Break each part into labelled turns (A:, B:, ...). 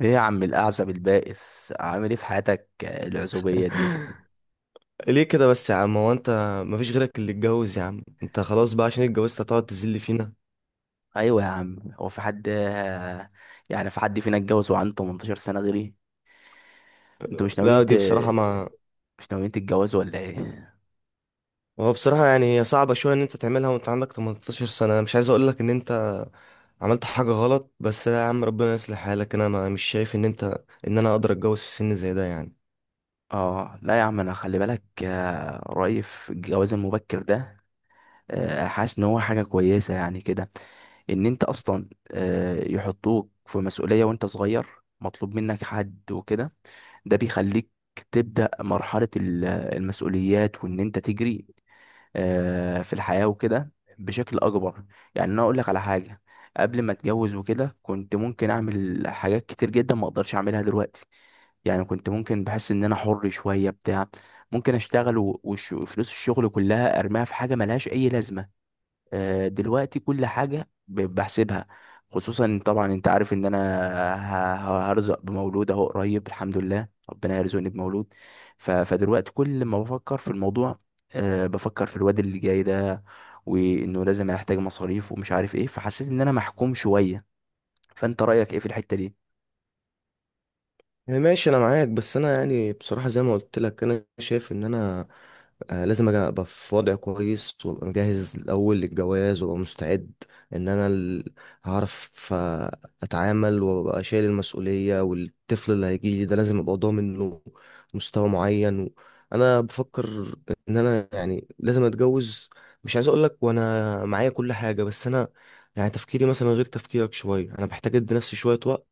A: ايه يا عم الاعزب البائس عامل ايه في حياتك، العزوبيه دي؟
B: ليه كده بس يا عم؟ هو انت مفيش غيرك اللي اتجوز يا عم؟ انت خلاص بقى، عشان اتجوزت هتقعد تذل فينا؟
A: ايوه يا عم، هو في حد، يعني في حد فينا اتجوز وعنده 18 سنه غيري؟ انتوا مش
B: لا،
A: ناويين
B: دي بصراحة ما.
A: مش ناويين تتجوزوا ولا ايه؟
B: هو بصراحة يعني هي صعبة شوية ان انت تعملها وانت عندك 18 سنة. أنا مش عايز اقول لك ان انت عملت حاجة غلط، بس لا يا عم، ربنا يصلح حالك. انا ما مش شايف ان انا اقدر اتجوز في سن زي ده يعني.
A: اه لا يا عم، انا خلي بالك، رأيي في الجواز المبكر ده، حاسس ان هو حاجه كويسه يعني كده. ان انت اصلا يحطوك في مسؤوليه وانت صغير، مطلوب منك حد وكده. ده بيخليك تبدأ مرحلة المسؤوليات وإن أنت تجري في الحياة وكده بشكل أكبر. يعني أنا أقول لك على حاجة، قبل ما أتجوز وكده كنت ممكن أعمل حاجات كتير جدا ما أقدرش أعملها دلوقتي. يعني كنت ممكن بحس إن أنا حر شوية بتاع، ممكن أشتغل وفلوس الشغل كلها أرميها في حاجة ملهاش أي لازمة. دلوقتي كل حاجة بحسبها، خصوصا طبعا انت عارف ان انا ه- هرزق بمولود اهو قريب، الحمد لله ربنا يرزقني بمولود. فدلوقتي كل ما بفكر في الموضوع، بفكر في الواد اللي جاي ده، وانه لازم هيحتاج مصاريف ومش عارف ايه، فحسيت ان انا محكوم شوية. فانت رأيك ايه في الحتة دي؟
B: يعني ماشي، انا معاك، بس انا يعني بصراحه زي ما قلت لك، انا شايف ان انا لازم ابقى في وضع كويس وابقى مجهز الاول للجواز وابقى مستعد، ان انا هعرف اتعامل، وابقى شايل المسؤوليه، والطفل اللي هيجي لي ده لازم ابقى ضامن له مستوى معين. انا بفكر ان انا يعني لازم اتجوز. مش عايز اقول لك وانا معايا كل حاجه، بس انا يعني تفكيري مثلا غير تفكيرك شويه، انا بحتاج ادي نفسي شويه وقت.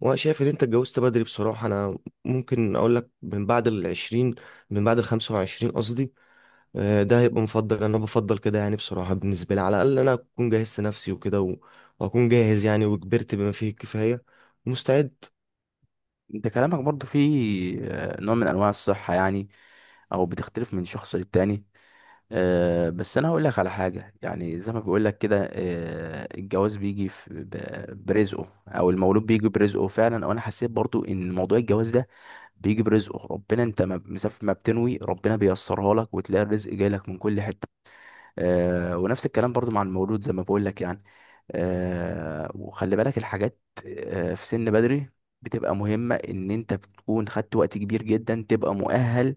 B: وانا شايف ان انت اتجوزت بدري بصراحه. انا ممكن اقول لك من بعد الـ20، من بعد الـ25 قصدي. ده هيبقى مفضل، انا بفضل كده يعني بصراحه، بالنسبه لي على الاقل، انا اكون جهزت نفسي وكده واكون جاهز يعني، وكبرت بما فيه الكفايه، مستعد.
A: انت كلامك برضو فيه نوع من انواع الصحة يعني، او بتختلف من شخص للتاني. بس انا هقول لك على حاجة، يعني زي ما بقول لك كده، الجواز بيجي برزقه، او المولود بيجي برزقه فعلا، او انا حسيت برضو ان موضوع الجواز ده بيجي برزقه. ربنا، انت ما مسافر ما بتنوي، ربنا بيسرها لك وتلاقي الرزق جاي لك من كل حتة. ونفس الكلام برضو مع المولود زي ما بقول لك يعني. آه وخلي بالك، الحاجات آه في سن بدري بتبقى مهمة، ان انت بتكون خدت وقت كبير جدا تبقى مؤهل،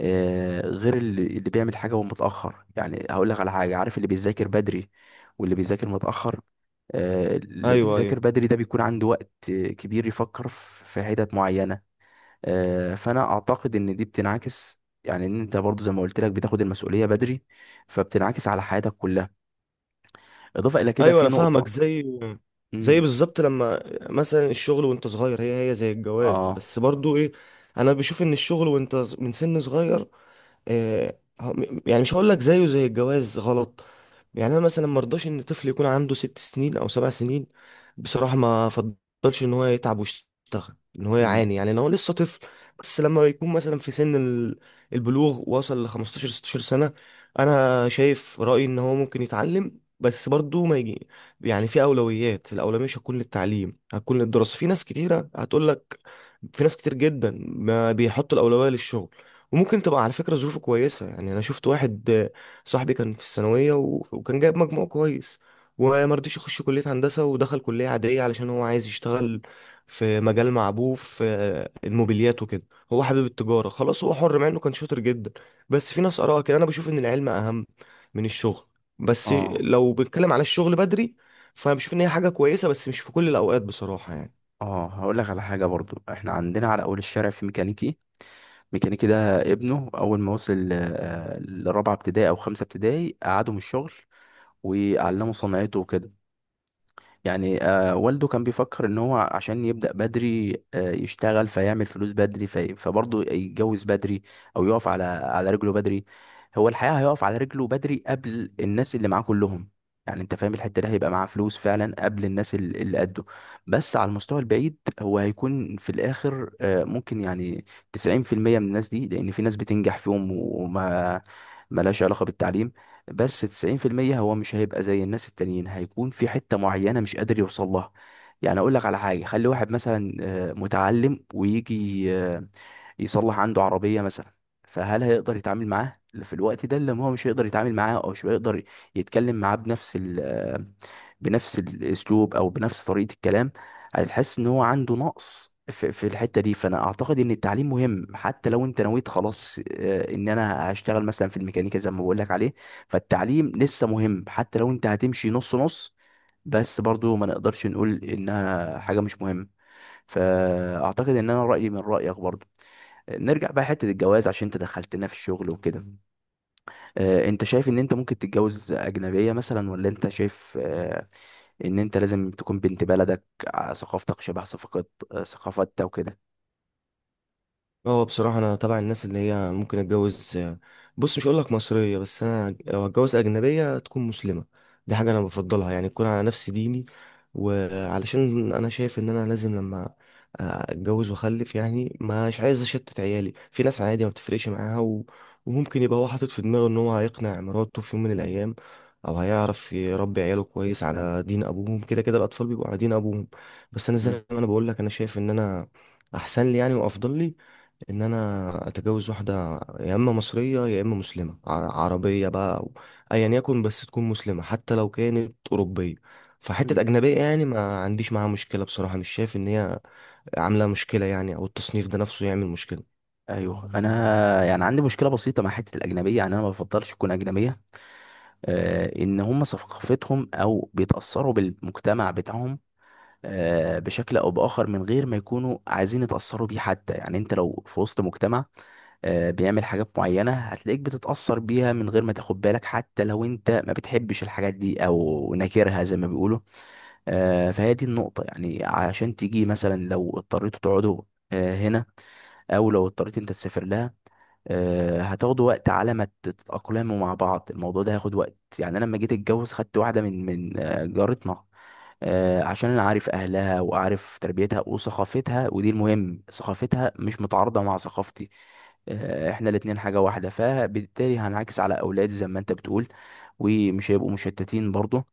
A: آه غير اللي بيعمل حاجة وهو متأخر. يعني هقول لك على حاجة، عارف اللي بيذاكر بدري واللي بيذاكر متأخر؟ آه اللي
B: ايوه،
A: بيذاكر
B: ايوه،
A: بدري ده بيكون عنده وقت كبير يفكر في حتت معينة. آه فانا اعتقد ان دي بتنعكس، يعني ان انت برضو زي ما قلت لك بتاخد المسؤولية بدري، فبتنعكس على حياتك كلها. اضافة الى كده
B: ايوه،
A: في
B: انا فاهمك.
A: نقطة.
B: زي
A: مم،
B: بالظبط، لما مثلا الشغل وانت صغير، هي زي الجواز،
A: اه
B: بس برضو ايه، انا بشوف ان الشغل وانت من سن صغير، يعني مش هقول لك زيه زي الجواز غلط. يعني انا مثلا ما ارضاش ان طفل يكون عنده 6 سنين او 7 سنين. بصراحه ما افضلش ان هو يتعب ويشتغل، ان هو
A: مم.
B: يعاني يعني لو هو لسه طفل. بس لما يكون مثلا في سن البلوغ، وصل ل 15 16 سنه، انا شايف رايي ان هو ممكن يتعلم. بس برضه ما يجي يعني في اولويات. الاولويه مش هتكون للتعليم، هتكون للدراسه. في ناس كتيره هتقول لك، في ناس كتير جدا ما بيحط الاولويه للشغل. وممكن تبقى على فكرة ظروفه كويسة. يعني أنا شفت واحد صاحبي كان في الثانوية وكان جايب مجموع كويس، ومرضيش يخش كلية هندسة، ودخل كلية عادية علشان هو عايز يشتغل في مجال مع أبوه في الموبيليات وكده. هو حابب التجارة، خلاص هو حر، مع إنه كان شاطر جدا. بس في ناس آراء كده، أنا بشوف إن العلم أهم من الشغل. بس
A: اه
B: لو بنتكلم على الشغل بدري، فأنا بشوف إن هي حاجة كويسة، بس مش في كل الأوقات بصراحة يعني.
A: اه، هقول لك على حاجه برضو. احنا عندنا على اول الشارع في ميكانيكي، ميكانيكي ده ابنه اول ما وصل لرابعه ابتدائي او خمسه ابتدائي قعده من الشغل وعلمه صنعته وكده. يعني آه والده كان بيفكر ان هو عشان يبدأ بدري آه يشتغل فيعمل فلوس بدري، في فبرضه يتجوز بدري، او يقف على على رجله بدري. هو الحقيقة هيقف على رجله بدري قبل الناس اللي معاه كلهم. يعني انت فاهم الحتة دي، هيبقى معاه فلوس فعلا قبل الناس اللي قده. بس على المستوى البعيد هو هيكون في الاخر آه ممكن يعني 90% من الناس دي، لان في ناس بتنجح فيهم وما ملهاش علاقة بالتعليم، بس 90% هو مش هيبقى زي الناس التانيين، هيكون في حتة معينة مش قادر يوصل لها. يعني اقول لك على حاجة، خلي واحد مثلا متعلم، ويجي يصلح عنده عربية مثلا، فهل هيقدر يتعامل معاه في الوقت ده؟ اللي هو مش هيقدر يتعامل معاه، او مش هيقدر يتكلم معاه بنفس ال آه، بنفس الاسلوب او بنفس طريقة الكلام. هتحس ان هو عنده نقص في الحتة دي. فانا اعتقد ان التعليم مهم، حتى لو انت نويت خلاص ان انا هشتغل مثلا في الميكانيكا زي ما بقول لك عليه، فالتعليم لسه مهم حتى لو انت هتمشي نص نص. بس برضو ما نقدرش نقول انها حاجة مش مهمة. فاعتقد ان انا رأيي من رأيك برضو. نرجع بقى حتة الجواز عشان انت دخلتنا في الشغل وكده. انت شايف ان انت ممكن تتجوز اجنبية مثلا، ولا انت شايف ان انت لازم تكون بنت بلدك، ثقافتك شبه ثقافة ثقافتها وكده؟
B: هو بصراحة أنا تبع الناس اللي هي ممكن أتجوز. بص، مش هقولك مصرية، بس أنا لو أتجوز أجنبية تكون مسلمة. دي حاجة أنا بفضلها يعني، تكون على نفس ديني. وعلشان أنا شايف إن أنا لازم لما أتجوز وأخلف يعني، مش عايز أشتت عيالي في ناس عادي ما بتفرقش معاها وممكن يبقى هو حاطط في دماغه إن هو هيقنع مراته في يوم من الأيام، أو هيعرف يربي عياله كويس على دين أبوهم. كده كده الأطفال بيبقوا على دين أبوهم. بس أنا
A: مم.
B: زي ما أنا بقولك، أنا شايف إن أنا أحسن لي يعني وأفضل لي ان انا اتجوز واحده، يا اما مصريه يا اما مسلمه عربيه بقى، او ايا يكن بس تكون مسلمه، حتى لو كانت اوروبيه.
A: مم.
B: فحته اجنبيه يعني ما عنديش معاها مشكله بصراحه، مش شايف ان هي عامله مشكله يعني، او التصنيف ده نفسه يعمل مشكله.
A: ايوه، انا يعني عندي مشكله بسيطه مع حته الاجنبيه، يعني انا ما بفضلش تكون اجنبيه. ان هم ثقافتهم او بيتاثروا بالمجتمع بتاعهم بشكل او باخر، من غير ما يكونوا عايزين يتاثروا بيه حتى. يعني انت لو في وسط مجتمع بيعمل حاجات معينه هتلاقيك بتتاثر بيها من غير ما تاخد بالك، حتى لو انت ما بتحبش الحاجات دي او ناكرها زي ما بيقولوا. فهي دي النقطه يعني. عشان تيجي مثلا لو اضطريتوا تقعدوا هنا، او لو اضطريت انت تسافر لها، هتاخدوا وقت على ما تتأقلموا مع بعض. الموضوع ده هياخد وقت يعني. انا لما جيت اتجوز خدت واحده من من جارتنا، عشان انا عارف اهلها وعارف تربيتها وثقافتها، ودي المهم ثقافتها مش متعارضه مع ثقافتي. احنا الاتنين حاجه واحده، فبالتالي هنعكس على اولادي زي ما انت بتقول، ومش هيبقوا مشتتين برضو.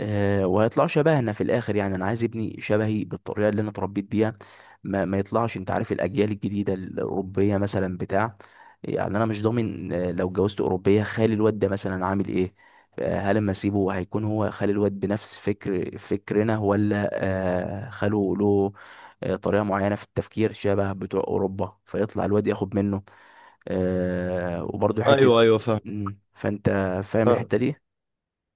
A: وهيطلعوا شبهنا في الاخر. يعني انا عايز ابني شبهي بالطريقه اللي انا اتربيت بيها، ما يطلعش، انت عارف الاجيال الجديده الاوروبيه مثلا بتاع. يعني انا مش ضامن لو اتجوزت اوروبيه خالي الواد ده مثلا عامل ايه. هل اما اسيبه هيكون هو خالي الواد بنفس فكرنا، ولا خاله له طريقه معينه في التفكير شبه بتوع اوروبا فيطلع الواد ياخد منه، وبرضه حته.
B: ايوه، ايوه، فاهم.
A: فانت فاهم الحته دي؟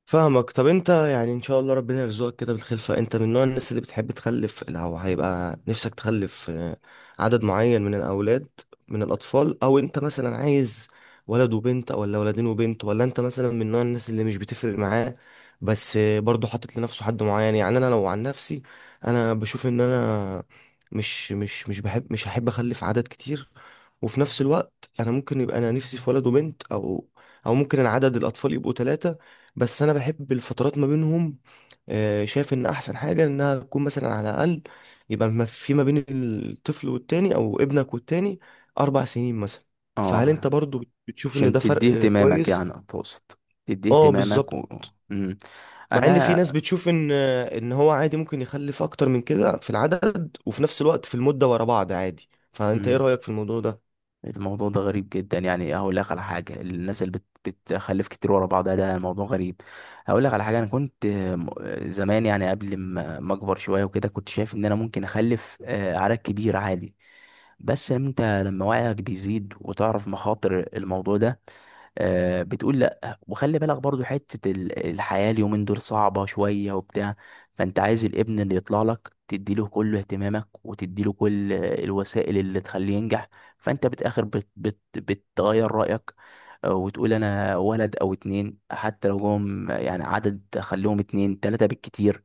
B: فاهمك. طب انت يعني ان شاء الله ربنا يرزقك كده بالخلفة، انت من نوع الناس اللي بتحب تخلف، او هيبقى نفسك تخلف عدد معين من الاولاد، من الاطفال؟ او انت مثلا عايز ولد وبنت، ولا ولدين وبنت، ولا انت مثلا من نوع الناس اللي مش بتفرق معاه، بس برضه حاطط لنفسه حد معين؟ يعني انا لو عن نفسي، انا بشوف ان انا مش هحب اخلف عدد كتير. وفي نفس الوقت، انا ممكن يبقى انا نفسي في ولد وبنت، او ممكن العدد الاطفال يبقوا ثلاثة. بس انا بحب الفترات ما بينهم، شايف ان احسن حاجه انها تكون مثلا على الاقل، يبقى ما في ما بين الطفل والتاني او ابنك والتاني 4 سنين مثلا. فهل انت
A: اه،
B: برضو بتشوف ان
A: عشان
B: ده
A: تديه
B: فرق
A: اهتمامك
B: كويس؟
A: يعني؟ أتقصد تديه
B: اه
A: اهتمامك
B: بالظبط.
A: و... مم.
B: مع ان في
A: أنا
B: ناس بتشوف ان هو عادي ممكن يخلف اكتر من كده في العدد، وفي نفس الوقت في المده ورا بعض عادي. فانت ايه
A: مم.
B: رايك في الموضوع ده؟
A: الموضوع ده غريب جدا. يعني هقول لك على حاجة، الناس اللي بتخلف كتير ورا بعضها ده موضوع غريب. هقول لك على حاجة، أنا كنت زمان، يعني قبل ما أكبر شوية وكده كنت شايف إن أنا ممكن أخلف عدد كبير عادي. بس أنت لما وعيك بيزيد وتعرف مخاطر الموضوع ده، بتقول لا. وخلي بالك برضو حتة الحياة، اليومين دول صعبة شوية وبتاع. فانت عايز الابن اللي يطلع لك تديله كل اهتمامك وتديله كل الوسائل اللي تخليه ينجح. فانت بتاخر بت بت بتغير رأيك، وتقول انا ولد او اتنين. حتى لو جم يعني عدد خليهم اتنين تلاتة بالكتير،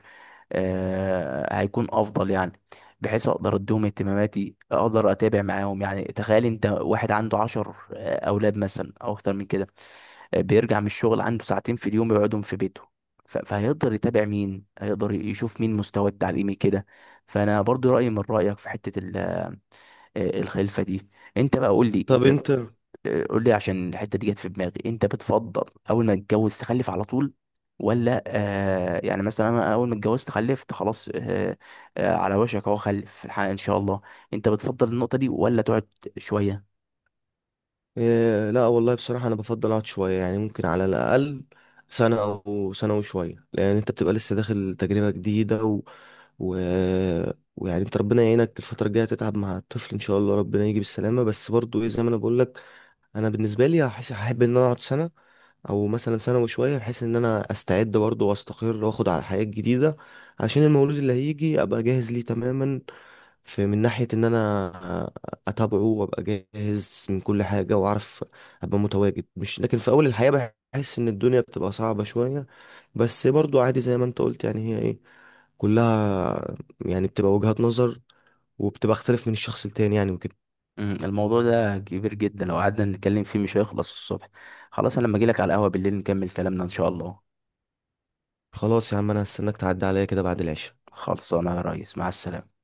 A: هيكون افضل يعني. بحيث اقدر اديهم اهتماماتي، اقدر اتابع معاهم. يعني تخيل انت واحد عنده عشر اولاد مثلا او اكتر من كده، بيرجع من الشغل عنده ساعتين في اليوم يقعدهم في بيته، فهيقدر يتابع مين؟ هيقدر يشوف مين مستواه التعليمي كده؟ فانا برضو رأيي من رأيك في حتة الخلفة دي. انت بقى قول لي،
B: طب انت.
A: قول لي عشان الحته دي جت في دماغي، انت بتفضل اول ما تتجوز تخلف على طول، ولا آه؟ يعني مثلا انا اول ما اتجوزت خلفت خلاص آه، آه على وشك اهو خلف في الحقيقه ان شاء الله. انت بتفضل النقطه دي ولا تقعد شويه؟
B: إيه، لا والله بصراحة أنا بفضل أقعد شوية يعني، ممكن على الأقل سنة أو سنة وشوية، لأن أنت بتبقى لسه داخل تجربة جديدة و... ويعني أنت ربنا يعينك الفترة الجاية تتعب مع الطفل إن شاء الله ربنا يجي بالسلامة. بس برضو إيه زي ما أنا بقولك، أنا بالنسبة لي هحب إن أنا أقعد سنة أو مثلا سنة وشوية، بحيث إن أنا أستعد برضو وأستقر وأخد على الحياة الجديدة، عشان المولود اللي هيجي أبقى جاهز ليه تماما، في من ناحية إن أنا أتابعه وأبقى جاهز من كل حاجة وأعرف أبقى متواجد. مش لكن في أول الحياة بحس إن الدنيا بتبقى صعبة شوية. بس برضو عادي زي ما أنت قلت يعني، هي إيه كلها يعني بتبقى وجهات نظر، وبتبقى اختلف من الشخص التاني يعني، وكده.
A: مم، الموضوع ده كبير جدا، لو قعدنا نتكلم فيه مش هيخلص الصبح. خلاص انا لما اجي لك على القهوه بالليل نكمل كلامنا ان شاء الله.
B: خلاص يا عم، أنا هستناك تعدي عليا كده بعد العشاء.
A: خلصانه يا ريس، مع السلامه.